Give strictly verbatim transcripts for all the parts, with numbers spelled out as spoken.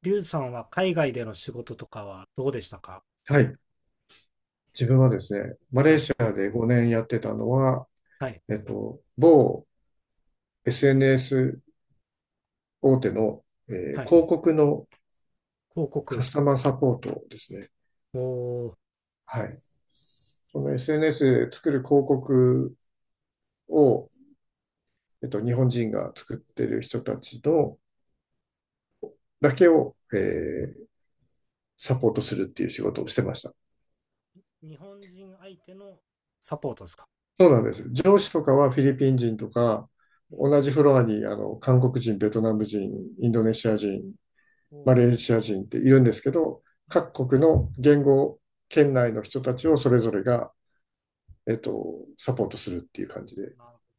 リュウさんは海外での仕事とかはどうでしたか？はい。自分はですね、マレはーい、シアでごねんやってたのは、はい、えっと、某 エスエヌエス 大手の、えはーい。広告の広カ告。スタマーサポートですね。おお。はい。その エスエヌエス 作る広告を、えっと、日本人が作ってる人たちのだけを、えーサポートするっていう仕事をしてました。ー日本人相手のサポートですか？そうなんです。上司とかはフィリピン人とか、うん。同じフロアにあの韓国人、ベトナム人、インドネシア人、マレおーシア人っているんですけど、ー、はい。各国の言語圏内の人たちをそれぞれが、えっと、サポートするっていう感じで。なるほ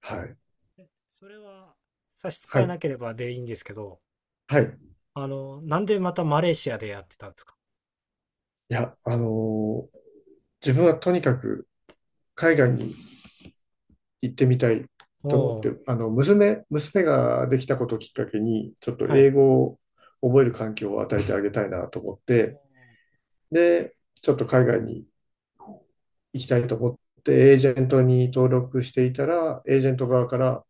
はい。ど。えそれは差し支はえい。なければでいいんですけど、はい。あの、なんでまたマレーシアでやってたんですか？いや、あのー自分はとにかく海外に行ってみたいお。と思っおて、ーあの、娘、娘ができたことをきっかけに、ちょっとは英い。語を覚える環境を与えてあげたいなと思って、おー、で、ちょっと海外に行きたいと思って、エージェントに登録していたら、エージェント側から、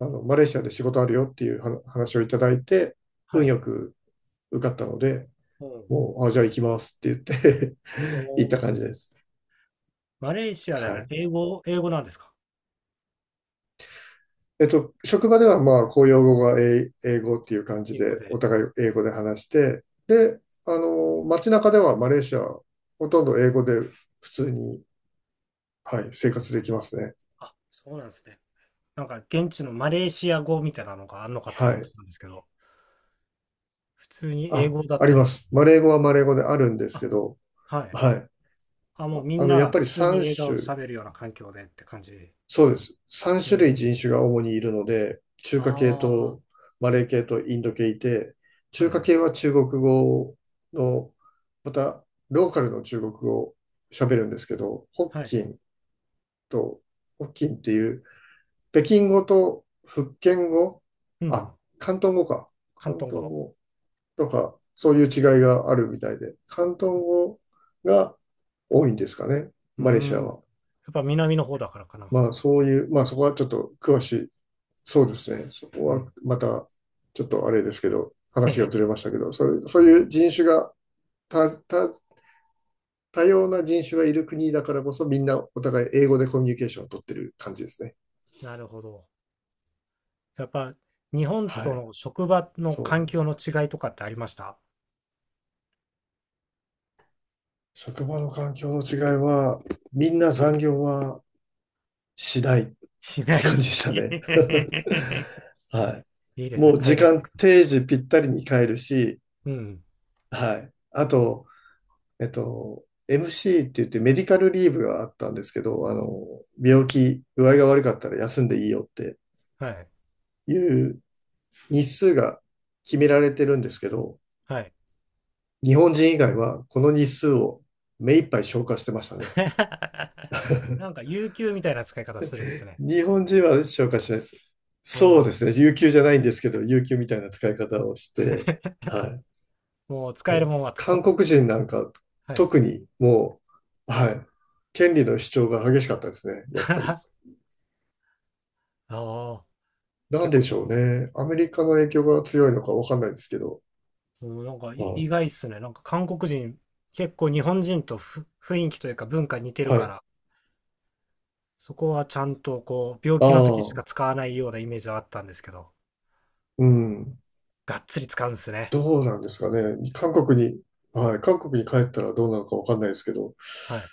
あの、マレーシアで仕事あるよっていうは話をいただいて、は運い。よく受かったので、おー、もう、あ、じゃあ行きますって言って お 行ったー。感じです。マレーシアはでい。英語、英語なんですか？えっと、職場ではまあ、公用語が英英語っていう感じ英語で、で。お互い英語で話して、で、あの、街中ではマレーシア、ほとんど英語で普通に、はい、生活できますね。あ、そうなんですね。なんか現地のマレーシア語みたいなのがあるのかとは思ってい。たんですけど、普通に英あ、語だっありたりますす。る。マレー語はマレー語であるんですあ、けど、はい。はい。あ、もうみあんの、なやっがぱり普通に3映画を種喋るような環境でって感じ。そうです。さんう種類ん。人種が主にいるので、中華系あとマレー系とインド系いて、あ、は中い華はい。系は中国語の、また、ローカルの中国語を喋るんですけど、北はい。京と、北京っていう、北京語と福建語、うん。あ、広東語か。広広東東語。語とか、そういう違いがあるみたいで、広東語が多いんですかね、うーマレーシん。アやは。っぱ南の方だからかな。まあそういう、まあそこはちょっと詳しいそうですね。そこうはん。また、ちょっとあれですけど、へ話がへ。ずれましたけど、そういう、そういう人種が、た、た、多様な人種がいる国だからこそ、みんなお互い英語でコミュニケーションを取ってる感じですね。なるほど。やっぱ日本はとい。の職場のそう環なんで境す。の違いとかってありました？職場の環境の違いは、みんな残業はしないっし なてい。感じでしたね。はいいでい。すね。もう時海外っぽ間く。定時ぴったりに帰るし、うん。はい。あと、えっと、エムシー って言ってメディカルリーブがあったんですけど、あの、病気、具合が悪かったら休んでいいよってはい。いう日数が決められてるんですけど、はい。日本人以外はこの日数を目いっぱい消化してましたね。なんか、有給みたいな使い方するんですね。日本人は消化しないです。おそうでお。すね。有給じゃないんですけど、有給みたいな使い方をして、はい。もう使えもるうもんは使韓っ、国人なんかはい。特にもう、はい。権利の主張が激しかったですね、やっぱり。ああ、なん結で構ね、しょうね。アメリカの影響が強いのかわかんないですけど。うん、なんかいはい。意外っすね。なんか韓国人、結構日本人とふ雰囲気というか文化似てるはかい。ら、そこはちゃんとこう、病あ気の時しかあ、使わないようなイメージはあったんですけど、うん。がっつり使うんですね。どうなんですかね。韓国に、はい。韓国に帰ったらどうなのかわかんないですけど、はい。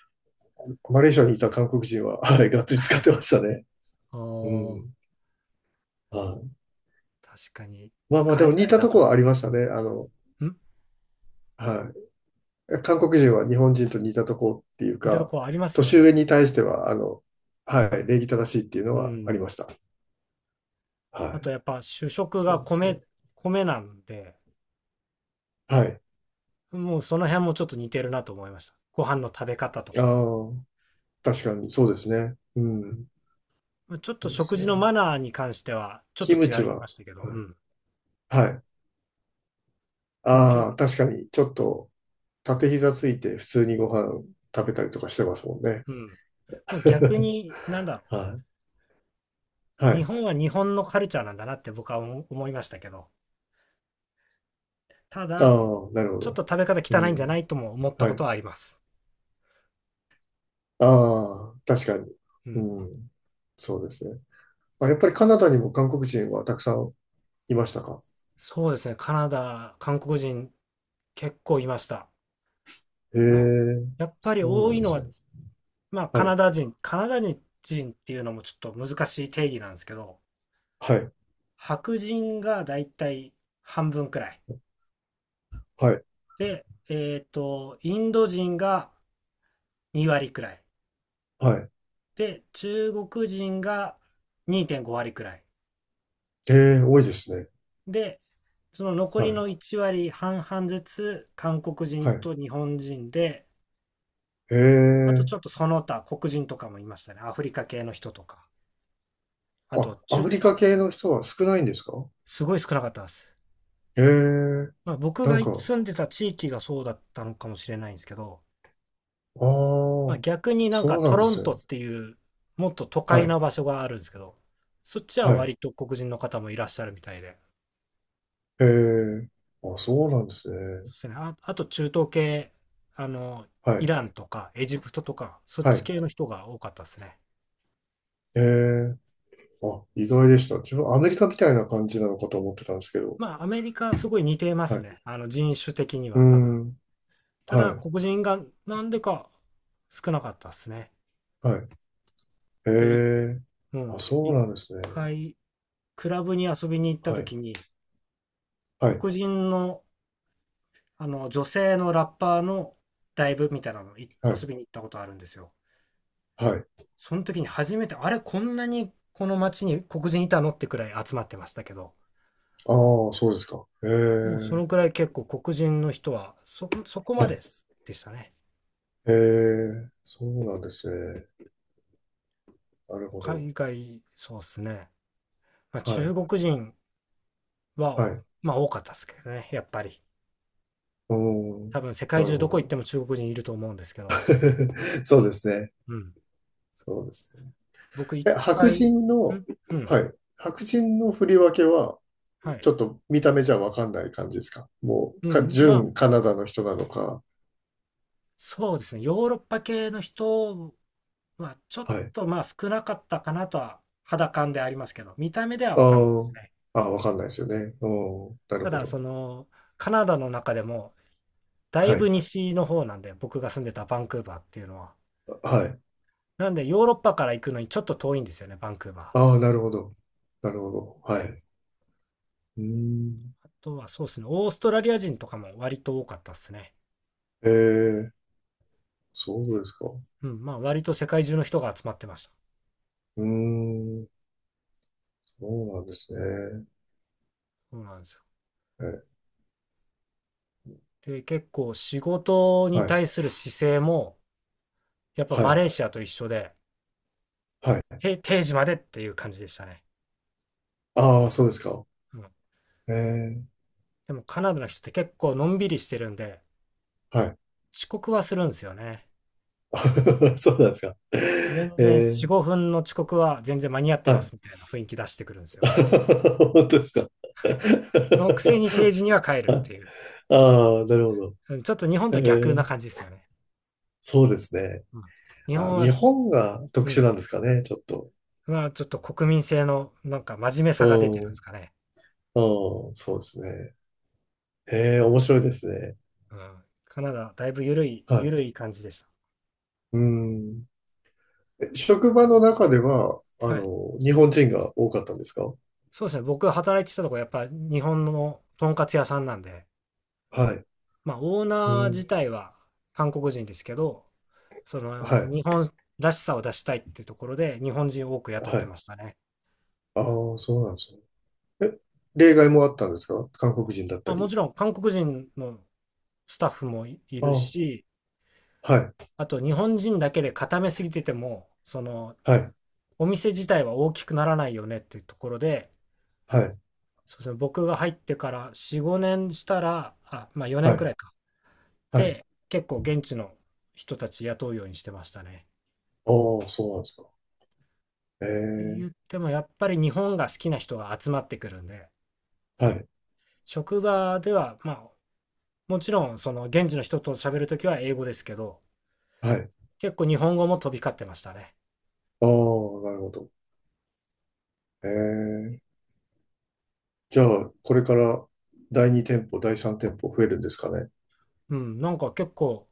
マレーシアにいた韓国人は、はい。がっつり使ってま したね。おうお、ん。はい。確かに、まあまあ、で海も似外ただとと、こん。はありましたね。あの、はい。韓国人は日本人と似たとこっていう似たとか、ころありますよ年ね。上に対しては、あの、はい。礼儀正しいっていうのうはありん。ました。あはい。とやっぱ主食そがうです米、ね。米なんで、はい。もうその辺もちょっと似てるなと思いました。ご飯の食べ方とあか。あ。確かに、そうですね。うん。まあちょっそとうで食す事のね。マナーに関してはちょっキとムチ違いまは、したけど、うはん。い。はい。もうけ、ああ、確かに、ちょっと、縦膝ついて普通にご飯食べたりとかしてますもんね。うん。もう逆 に、なんだろう。はい。は日い。本は日本のカルチャーなんだなって僕は思思いましたけど、ただ、ああ、なるほちょっど。と食べ方う汚いんじゃん。ないとも思ったはことい。はあります。ああ、確かに。ううん。ん。そうですね。あ、やっぱりカナダにも韓国人はたくさんいましたか？そうですね。カナダ、韓国人結構いました。へえ、やっぱそりう多なんいでのすはね。まあ、カはナい。ダ人、カナダ人っていうのもちょっと難しい定義なんですけど、はい。白人がだいたい半分くらい。はい。で、えっと、インド人がに割くらい。はい。で、中国人がにてんご割くらい。ええ、多いですね。で、その残はりい。のいち割半々ずつ、韓国人はい。と日本人で、えあとちょっえ。とその他、黒人とかもいましたね。アフリカ系の人とか。ああ、と、ア中、フリカあ。系の人は少ないんですか？すごい少なかったです。へえ、まあ、僕ながんか、住んでた地域がそうだったのかもしれないんですけど、ああ、まあ、逆になんそかうなトんでロンすトね。っていうもっと都は会い、な場所があるんですけど、そっちははい。割と黒人の方もいらっしゃるみたいで、へえ、あ、そうなんですそね。うですね、あ、あと中東系、あの、はイい、ランとかエジプトとか、そっはちい。系の人が多かったですね。へえ、あ、意外でした。自分、アメリカみたいな感じなのかと思ってたんですけど。まあアメリカすごい似てまはすね。い。あの人種的にうーは多分。ん、たはだい、黒人がなんでか少なかったですね。はい。へで、いえ、うあ、ん、そう一なんですね。回クラブに遊びに行ったはい、時に、はい、黒人の、あの女性のラッパーのライブみたいなのいは遊い、びに行ったことあるんですよ。はい。その時に初めて、あれ、こんなにこの街に黒人いたのってくらい集まってましたけど、ああ、そうですか。へもうそえ、のくらい結構黒人の人はそ、そこはまい。ででしたね。へえ、そうなんですね。なるほど。海外、そうですね。まあ、は中い。国人はは、い。まあ多かったですけどね、やっぱり。おー、多分世界なる中ほどこ行っど。ても中国人いると思うんですけど。そうですね。うん。そうですね。僕一え、白回、ん、人の、うん。はい。白人の振り分けは、はい。ちょっと見た目じゃわかんない感じですかもう、うか、ん。まあ、純カナダの人なのか。そうですね。ヨーロッパ系の人は、ちょっはい。とまあ少なかったかなとは、肌感でありますけど、見た目ではあ分かんないですー、ね。あー、わかんないですよね。おー、なるたほだ、そど。の、カナダの中でも、だいはぶい。西の方なんで、僕が住んでたバンクーバーっていうのは。はい。なんで、ヨーロッパから行くのにちょっと遠いんですよね、バンクーバああ、なるほど。なるほど。はい。うーん。ー。あとは、そうですね、オーストラリア人とかも割と多かったですね。えー、そうですか。うん、まあ、割と世界中の人が集まってました。うーん、そうなんですね。そうなんですよ。え、で、結構仕事にはい。対する姿勢も、やっぱはマい。レーシアと一緒で、はい。定時までっていう感じでしたね。ああ、そうですか。うん。ええ、でもカナダの人って結構のんびりしてるんで、はい。遅刻はするんですよね。そうなんですか。全え然よん、え、ごふんの遅刻は全然間に合ってはますい。みたいな雰囲気出してくるんですよ。本当ですか。そのくせに定時に は帰るっていう。ああ、なるほど。うん。ちょっと日本えとは逆なえ、感じですよね。そうですね。うん。日本あ、は、日本がう特殊ん。なんですかね、ちょっと。まあちょっと国民性のなんか真面目うさが出てるんん、でうすかね。ん、そうですね。ええ、面白いですね。うん。カナダ、だいぶ緩い、はい。緩い感じでしうん。え、職場の中では、あた。はい。の、日本人が多かったんですか？そうですね。僕が働いてたとこ、やっぱ日本のとんかつ屋さんなんで、はい。まあ、オーうナーん、自体は韓国人ですけど、そはのい、日本らしさを出したいっていうところで日本人を多く雇っはてい。ましたね。ああ、そうなんですね。え、例外もあったんですか韓国人だったまあ、もり。ちろん韓国人のスタッフもいいあるあ、し、はい、あと日本人だけで固めすぎてても、そのはい、お店自体は大きくならないよねっていうところで、はい、そうですね、僕が入ってからよん、ごねんしたら、あ、まあ4は年くい、らいか。はい。で、結構現地の人たち雇うようにしてましたね。ああ、そうなんですか。えって言え、ってもやっぱり日本が好きな人が集まってくるんで、はい、職場では、まあ、もちろん、その、現地の人と喋るときは英語ですけど、はい。結構日本語も飛び交ってましたね。ああ、なるほど。ええ。じゃあ、これからだいにてんぽ店舗、だいさんてんぽ店舗増えるんですかね。うん、なんか結構、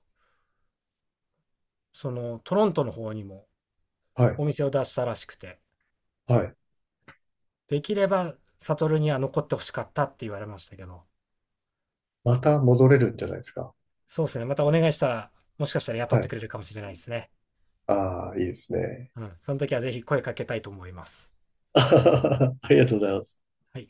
その、トロントの方にもはい、お店を出したらしくて、はい。できれば、サトルには残ってほしかったって言われましたけど、また戻れるんじゃないですか。そうですね、またお願いしたら、もしかしたら雇っはてい。くれるかもしれないですね。ああ、いいですね。うん、その時はぜひ声かけたいと思います。ありがとうございます。はい。